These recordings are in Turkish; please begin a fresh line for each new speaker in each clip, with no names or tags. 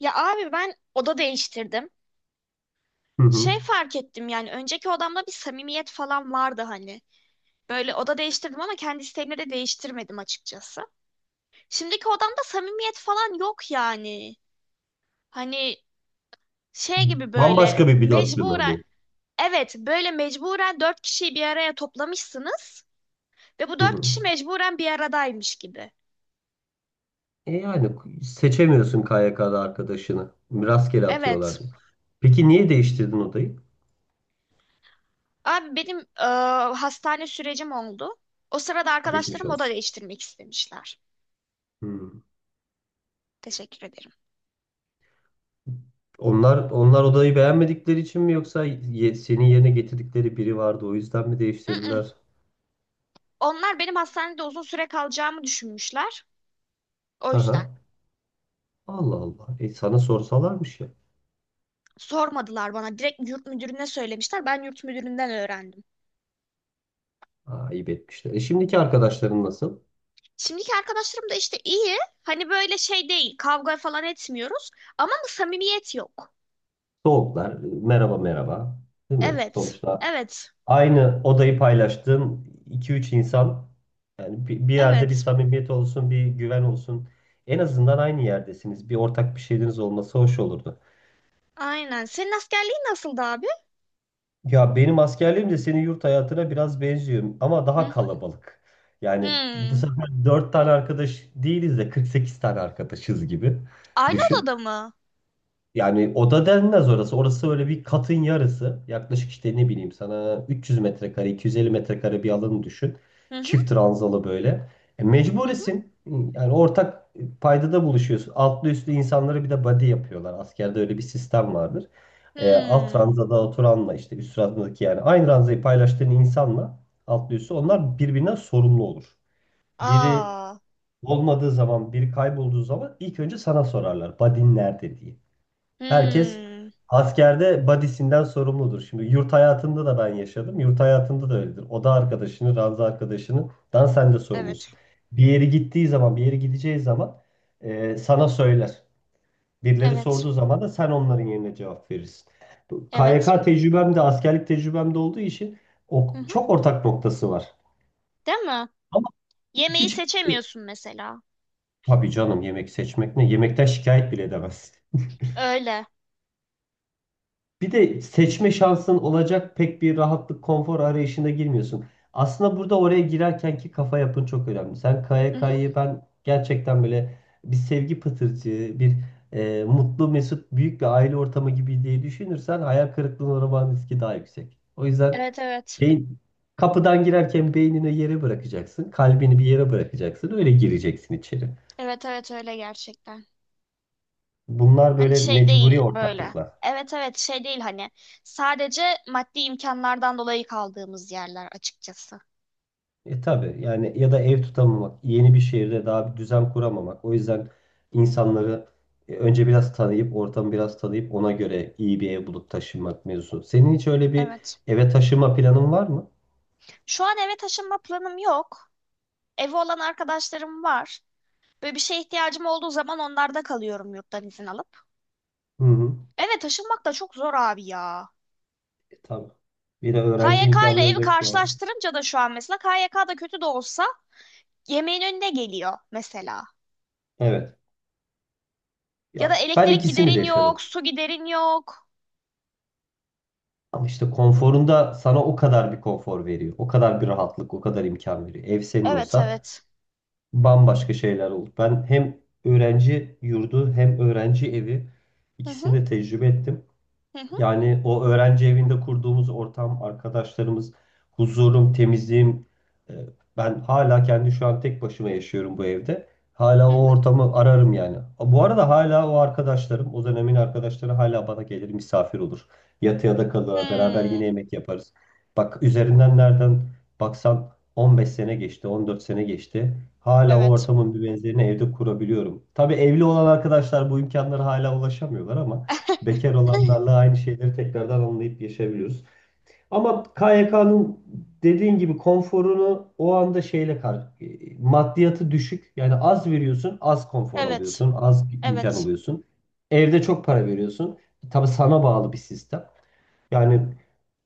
Ya abi ben oda değiştirdim.
Hı hı.
Şey fark ettim yani önceki odamda bir samimiyet falan vardı hani. Böyle oda değiştirdim ama kendi isteğimle de değiştirmedim açıkçası. Şimdiki odamda samimiyet falan yok yani. Hani şey gibi böyle
Bambaşka bir dörtlüme
mecburen,
bu.
evet, böyle mecburen dört kişiyi bir araya toplamışsınız ve bu
Hı
dört
hı.
kişi mecburen bir aradaymış gibi.
E yani seçemiyorsun KYK'da arkadaşını. Rastgele
Evet.
atıyorlar diye. Peki niye değiştirdin odayı?
Abi benim hastane sürecim oldu. O sırada
Geçmiş
arkadaşlarım oda
olsun.
değiştirmek istemişler.
Hı.
Teşekkür ederim.
Onlar odayı beğenmedikleri için mi yoksa senin yerine getirdikleri biri vardı o yüzden mi
Mm-mm.
değiştirdiler?
Onlar benim hastanede uzun süre kalacağımı düşünmüşler. O yüzden
Aha. Allah Allah. E sana sorsalarmış ya.
sormadılar bana. Direkt yurt müdürüne söylemişler. Ben yurt müdüründen öğrendim.
Aa, ayıp etmişler. E şimdiki arkadaşların nasıl?
Şimdiki arkadaşlarım da işte iyi. Hani böyle şey değil. Kavga falan etmiyoruz. Ama bu samimiyet yok.
Soğuklar. Merhaba merhaba. Değil mi?
Evet.
Sonuçta
Evet.
aynı odayı paylaştığın iki üç insan yani bir yerde bir
Evet.
samimiyet olsun, bir güven olsun. En azından aynı yerdesiniz. Bir ortak bir şeyiniz olması hoş olurdu.
Aynen. Senin askerliğin nasıldı abi?
Ya benim askerliğim de senin yurt hayatına biraz benziyor ama
Hı
daha
hı.
kalabalık. Yani bu
Hmm.
sefer 4 tane arkadaş değiliz de 48 tane arkadaşız gibi
Aynı
düşün.
odada mı?
Yani oda denmez orası. Orası öyle bir katın yarısı. Yaklaşık işte ne bileyim sana 300 metrekare, 250 metrekare bir alanı düşün.
Hı hı.
Çift ranzalı böyle. E,
Hı hı.
mecburisin. Yani ortak paydada buluşuyorsun. Altlı üstlü insanları bir de body yapıyorlar. Askerde öyle bir sistem vardır. E, alt
Hmm.
ranzada oturanla işte üst ranzadaki yani aynı ranzayı paylaştığın insanla altlı üstü onlar birbirinden sorumlu olur. Biri
Aa.
olmadığı zaman, biri kaybolduğu zaman ilk önce sana sorarlar. Body'in nerede diye. Herkes
Hmm.
askerde badisinden sorumludur. Şimdi yurt hayatında da ben yaşadım. Yurt hayatında da öyledir. Oda arkadaşını, ranza arkadaşını, dan sen de
Evet.
sorumlusun. Bir yere gittiği zaman, bir yere gideceği zaman sana söyler. Birileri sorduğu
Evet.
zaman da sen onların yerine cevap verirsin. Bu
Evet.
KYK tecrübem de askerlik tecrübem de olduğu için o,
Hı hı.
çok ortak noktası var.
Değil mi?
Ama
Yemeği
hiç
seçemiyorsun mesela.
tabii canım yemek seçmek ne? Yemekten şikayet bile edemezsin.
Öyle.
Bir de seçme şansın olacak pek bir rahatlık, konfor arayışına girmiyorsun. Aslında burada oraya girerken ki kafa yapın çok önemli. Sen
Mhm.
KYK'yı ben gerçekten böyle bir sevgi pıtırcığı, bir mutlu, mesut, büyük bir aile ortamı gibi diye düşünürsen hayal kırıklığına uğramanın riski daha yüksek. O yüzden
Evet, evet.
beyin, kapıdan girerken beynine yere bırakacaksın, kalbini bir yere bırakacaksın, öyle gireceksin içeri.
Evet, evet, öyle gerçekten.
Bunlar
Hani
böyle
şey
mecburi
değil böyle.
ortaklıklar.
Evet, evet, şey değil hani. Sadece maddi imkanlardan dolayı kaldığımız yerler açıkçası.
E tabii yani ya da ev tutamamak, yeni bir şehirde daha bir düzen kuramamak. O yüzden insanları önce biraz tanıyıp, ortamı biraz tanıyıp ona göre iyi bir ev bulup taşınmak mevzusu. Senin hiç öyle bir
Evet.
eve taşınma planın var mı?
Şu an eve taşınma planım yok. Evi olan arkadaşlarım var. Böyle bir şeye ihtiyacım olduğu zaman onlarda kalıyorum yurttan izin alıp.
Hı hı.
Eve taşınmak da çok zor abi ya.
E tabii. Bir de
K
öğrenci
Y K ile
imkanları
evi
da şu an.
karşılaştırınca da şu an mesela K Y K da kötü de olsa yemeğin önüne geliyor mesela.
Evet.
Ya da
Ya ben
elektrik
ikisini de
giderin yok,
yaşadım.
su giderin yok.
Ama işte konforunda sana o kadar bir konfor veriyor. O kadar bir rahatlık, o kadar imkan veriyor. Ev senin
Evet,
olsa
evet.
bambaşka şeyler oldu. Ben hem öğrenci yurdu hem öğrenci evi
Hı
ikisini
hı.
de tecrübe ettim.
Hı hı.
Yani o öğrenci evinde kurduğumuz ortam, arkadaşlarımız, huzurum, temizliğim. e, Ben hala kendi şu an tek başıma yaşıyorum bu evde. Hala
Hı hı.
o ortamı ararım yani. Bu arada hala o arkadaşlarım, o dönemin arkadaşları hala bana gelir misafir olur. Yatıya da kalır, beraber yine
Hmm,
yemek yaparız. Bak üzerinden nereden baksan 15 sene geçti, 14 sene geçti. Hala o
evet.
ortamın bir benzerini evde kurabiliyorum. Tabii evli olan arkadaşlar bu imkanlara hala ulaşamıyorlar ama bekar olanlarla aynı şeyleri tekrardan anlayıp yaşayabiliyoruz. Ama KYK'nın dediğin gibi konforunu o anda şeyle maddiyatı düşük. Yani az veriyorsun, az konfor
Evet.
alıyorsun, az imkan
Evet.
alıyorsun. Evde çok para veriyorsun. Tabii sana bağlı bir sistem. Yani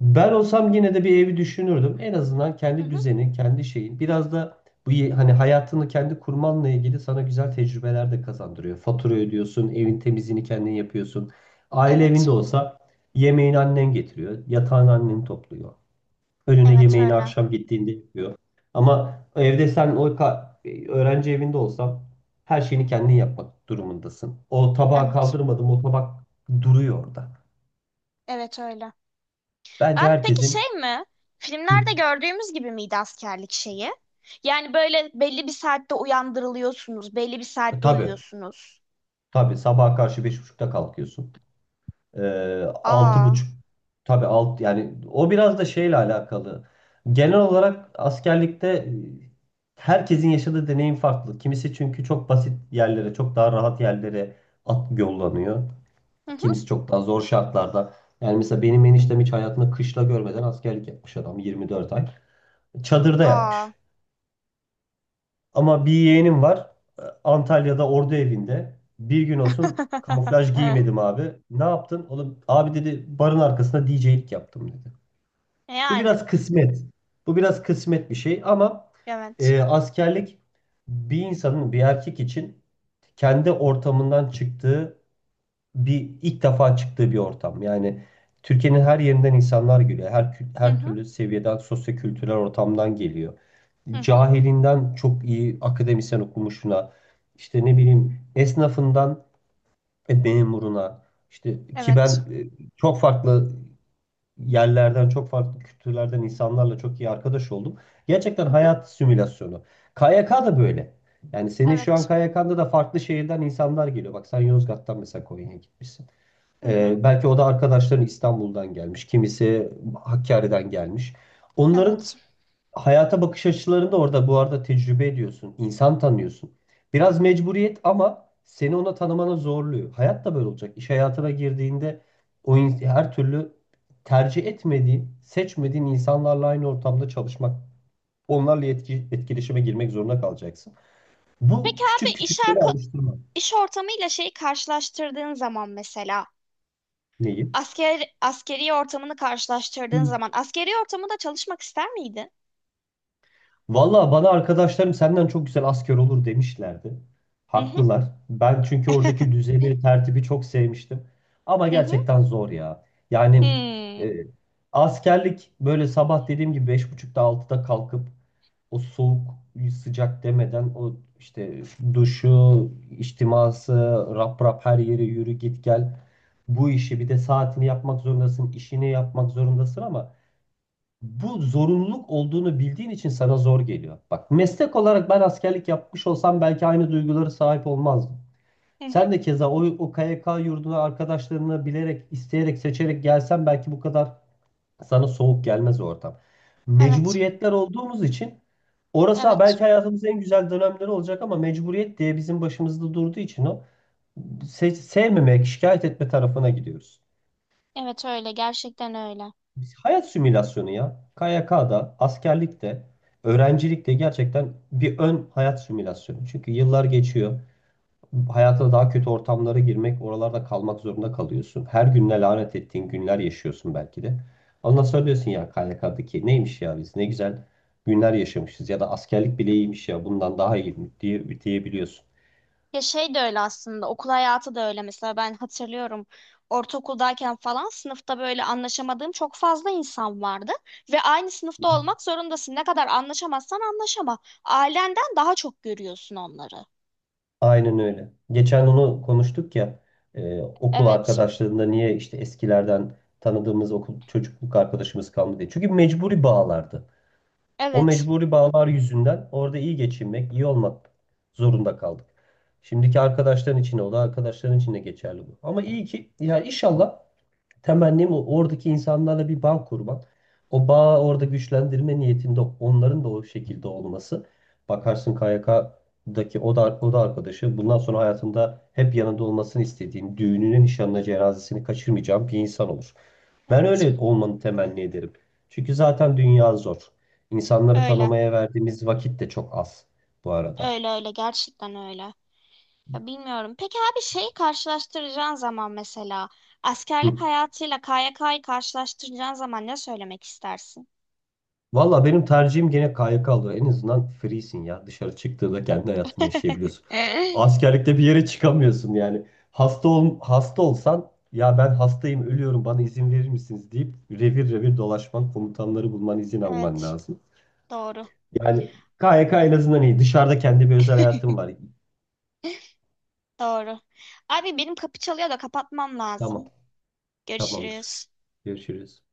ben olsam yine de bir evi düşünürdüm. En azından
Hı
kendi
hı.
düzenin, kendi şeyin. Biraz da bu hani hayatını kendi kurmanla ilgili sana güzel tecrübeler de kazandırıyor. Fatura ödüyorsun, evin temizliğini kendin yapıyorsun. Aile
Evet.
evinde olsa yemeğini annen getiriyor, yatağını annen topluyor. Önüne
Evet
yemeğini
öyle.
akşam gittiğinde yapıyor. Ama evde sen öğrenci evinde olsan her şeyini kendin yapmak durumundasın. O tabağı
Evet.
kaldırmadım, o tabak duruyor orada.
Evet öyle.
Bence
Abi peki
herkesin
şey mi?
Hı.
Filmlerde gördüğümüz gibi miydi askerlik şeyi? Yani böyle belli bir saatte uyandırılıyorsunuz, belli bir saatte
Tabii.
uyuyorsunuz.
Tabii sabaha karşı beş buçukta kalkıyorsun. Altı
Aa.
buçuk tabii yani o biraz da şeyle alakalı. Genel olarak askerlikte herkesin yaşadığı deneyim farklı. Kimisi çünkü çok basit yerlere, çok daha rahat yerlere at yollanıyor.
Hı hı.
Kimisi çok daha zor şartlarda. Yani mesela benim eniştem hiç hayatında kışla görmeden askerlik yapmış adam 24 ay. Çadırda yapmış.
Aa.
Ama bir yeğenim var. Antalya'da ordu evinde. Bir gün olsun kamuflaj giymedim abi. Ne yaptın? Oğlum, abi dedi barın arkasında DJ'lik yaptım dedi. Bu
Yani.
biraz kısmet. Bu biraz kısmet bir şey ama
Evet.
askerlik bir insanın bir erkek için kendi ortamından çıktığı bir ilk defa çıktığı bir ortam. Yani Türkiye'nin her yerinden insanlar geliyor.
Hı
Her
hı.
türlü seviyeden sosyo-kültürel ortamdan geliyor
Hı hı.
cahilinden çok iyi akademisyen okumuşuna, işte ne bileyim esnafından memuruna, işte ki ben
Evet.
çok farklı yerlerden, çok farklı kültürlerden insanlarla çok iyi arkadaş oldum. Gerçekten
Hı hı.
hayat simülasyonu. KYK da böyle. Yani senin şu an
Evet.
KYK'nda da farklı şehirden insanlar geliyor. Bak sen Yozgat'tan mesela Konya'ya gitmişsin.
Hı hı.
Belki o da arkadaşların İstanbul'dan gelmiş. Kimisi Hakkari'den gelmiş. Onların
Evet.
hayata bakış açılarını da orada bu arada tecrübe ediyorsun. İnsan tanıyorsun. Biraz mecburiyet ama seni ona tanımana zorluyor. Hayat da böyle olacak. İş hayatına girdiğinde her türlü tercih etmediğin, seçmediğin insanlarla aynı ortamda çalışmak, onlarla etkileşime girmek zorunda kalacaksın. Bu
Peki abi
küçük küçük böyle alıştırma.
iş ortamıyla şeyi karşılaştırdığın zaman mesela
Neyi?
askeri ortamını karşılaştırdığın
Hı.
zaman askeri ortamında çalışmak ister miydin?
Valla bana arkadaşlarım senden çok güzel asker olur demişlerdi.
Hı hı.
Haklılar. Ben çünkü oradaki düzeni, tertibi çok sevmiştim. Ama
Hı hı.
gerçekten zor ya. Yani
Hmm.
e, askerlik böyle sabah dediğim gibi 5.30'da altıda kalkıp o soğuk sıcak demeden o işte duşu, içtiması, rap rap her yere yürü git gel. Bu işi bir de saatini yapmak zorundasın, işini yapmak zorundasın ama bu zorunluluk olduğunu bildiğin için sana zor geliyor. Bak meslek olarak ben askerlik yapmış olsam belki aynı duygulara sahip olmazdım.
Hı hı.
Sen de keza o KYK yurduna arkadaşlarını bilerek, isteyerek, seçerek gelsen belki bu kadar sana soğuk gelmez o ortam.
Evet.
Mecburiyetler olduğumuz için orası
Evet.
belki hayatımızın en güzel dönemleri olacak ama mecburiyet diye bizim başımızda durduğu için o sevmemek, şikayet etme tarafına gidiyoruz.
Evet öyle. Gerçekten öyle.
Hayat simülasyonu ya. KYK'da, askerlikte, öğrencilikte gerçekten bir ön hayat simülasyonu. Çünkü yıllar geçiyor. Hayata daha kötü ortamlara girmek, oralarda kalmak zorunda kalıyorsun. Her gününe lanet ettiğin günler yaşıyorsun belki de. Ondan sonra diyorsun ya KYK'daki neymiş ya biz ne güzel günler yaşamışız ya da askerlik bile iyiymiş ya bundan daha iyi diye, diyebiliyorsun.
Ya şey de öyle aslında, okul hayatı da öyle mesela. Ben hatırlıyorum, ortaokuldayken falan sınıfta böyle anlaşamadığım çok fazla insan vardı ve aynı sınıfta olmak zorundasın, ne kadar anlaşamazsan ailenden daha çok görüyorsun onları.
Aynen öyle. Geçen onu konuştuk ya okul
Evet,
arkadaşlarında niye işte eskilerden tanıdığımız okul çocukluk arkadaşımız kalmadı diye. Çünkü mecburi bağlardı. O
evet,
mecburi bağlar yüzünden orada iyi geçinmek, iyi olmak zorunda kaldık. Şimdiki arkadaşların içinde o da arkadaşların içinde geçerli bu. Ama iyi ki ya inşallah temennim oradaki insanlarla bir bağ kurmak. O bağı orada güçlendirme niyetinde onların da o şekilde olması. Bakarsın KYK'daki o da, o da arkadaşı bundan sonra hayatında hep yanında olmasını istediğin, düğününü, nişanına, cenazesini kaçırmayacağın bir insan olur. Ben
evet
öyle olmanı temenni ederim. Çünkü zaten dünya zor. İnsanları
öyle,
tanımaya verdiğimiz vakit de çok az bu arada.
öyle, öyle gerçekten öyle. Ya bilmiyorum, peki abi şeyi karşılaştıracağın zaman mesela
Hı.
askerlik hayatıyla KYK'yı karşılaştıracağın zaman ne söylemek istersin?
Valla benim tercihim gene KYK oluyor. En azından freesin ya. Dışarı çıktığında kendi hayatını yaşayabiliyorsun. Askerlikte bir yere çıkamıyorsun yani. Hasta ol, hasta olsan ya ben hastayım ölüyorum bana izin verir misiniz deyip revir revir dolaşman komutanları bulman izin alman
Evet,
lazım.
doğru.
Yani KYK en azından iyi. Dışarıda kendi bir özel hayatım var.
Doğru. Abi benim kapı çalıyor da kapatmam
Tamam
lazım.
tamamdır.
Görüşürüz.
Görüşürüz.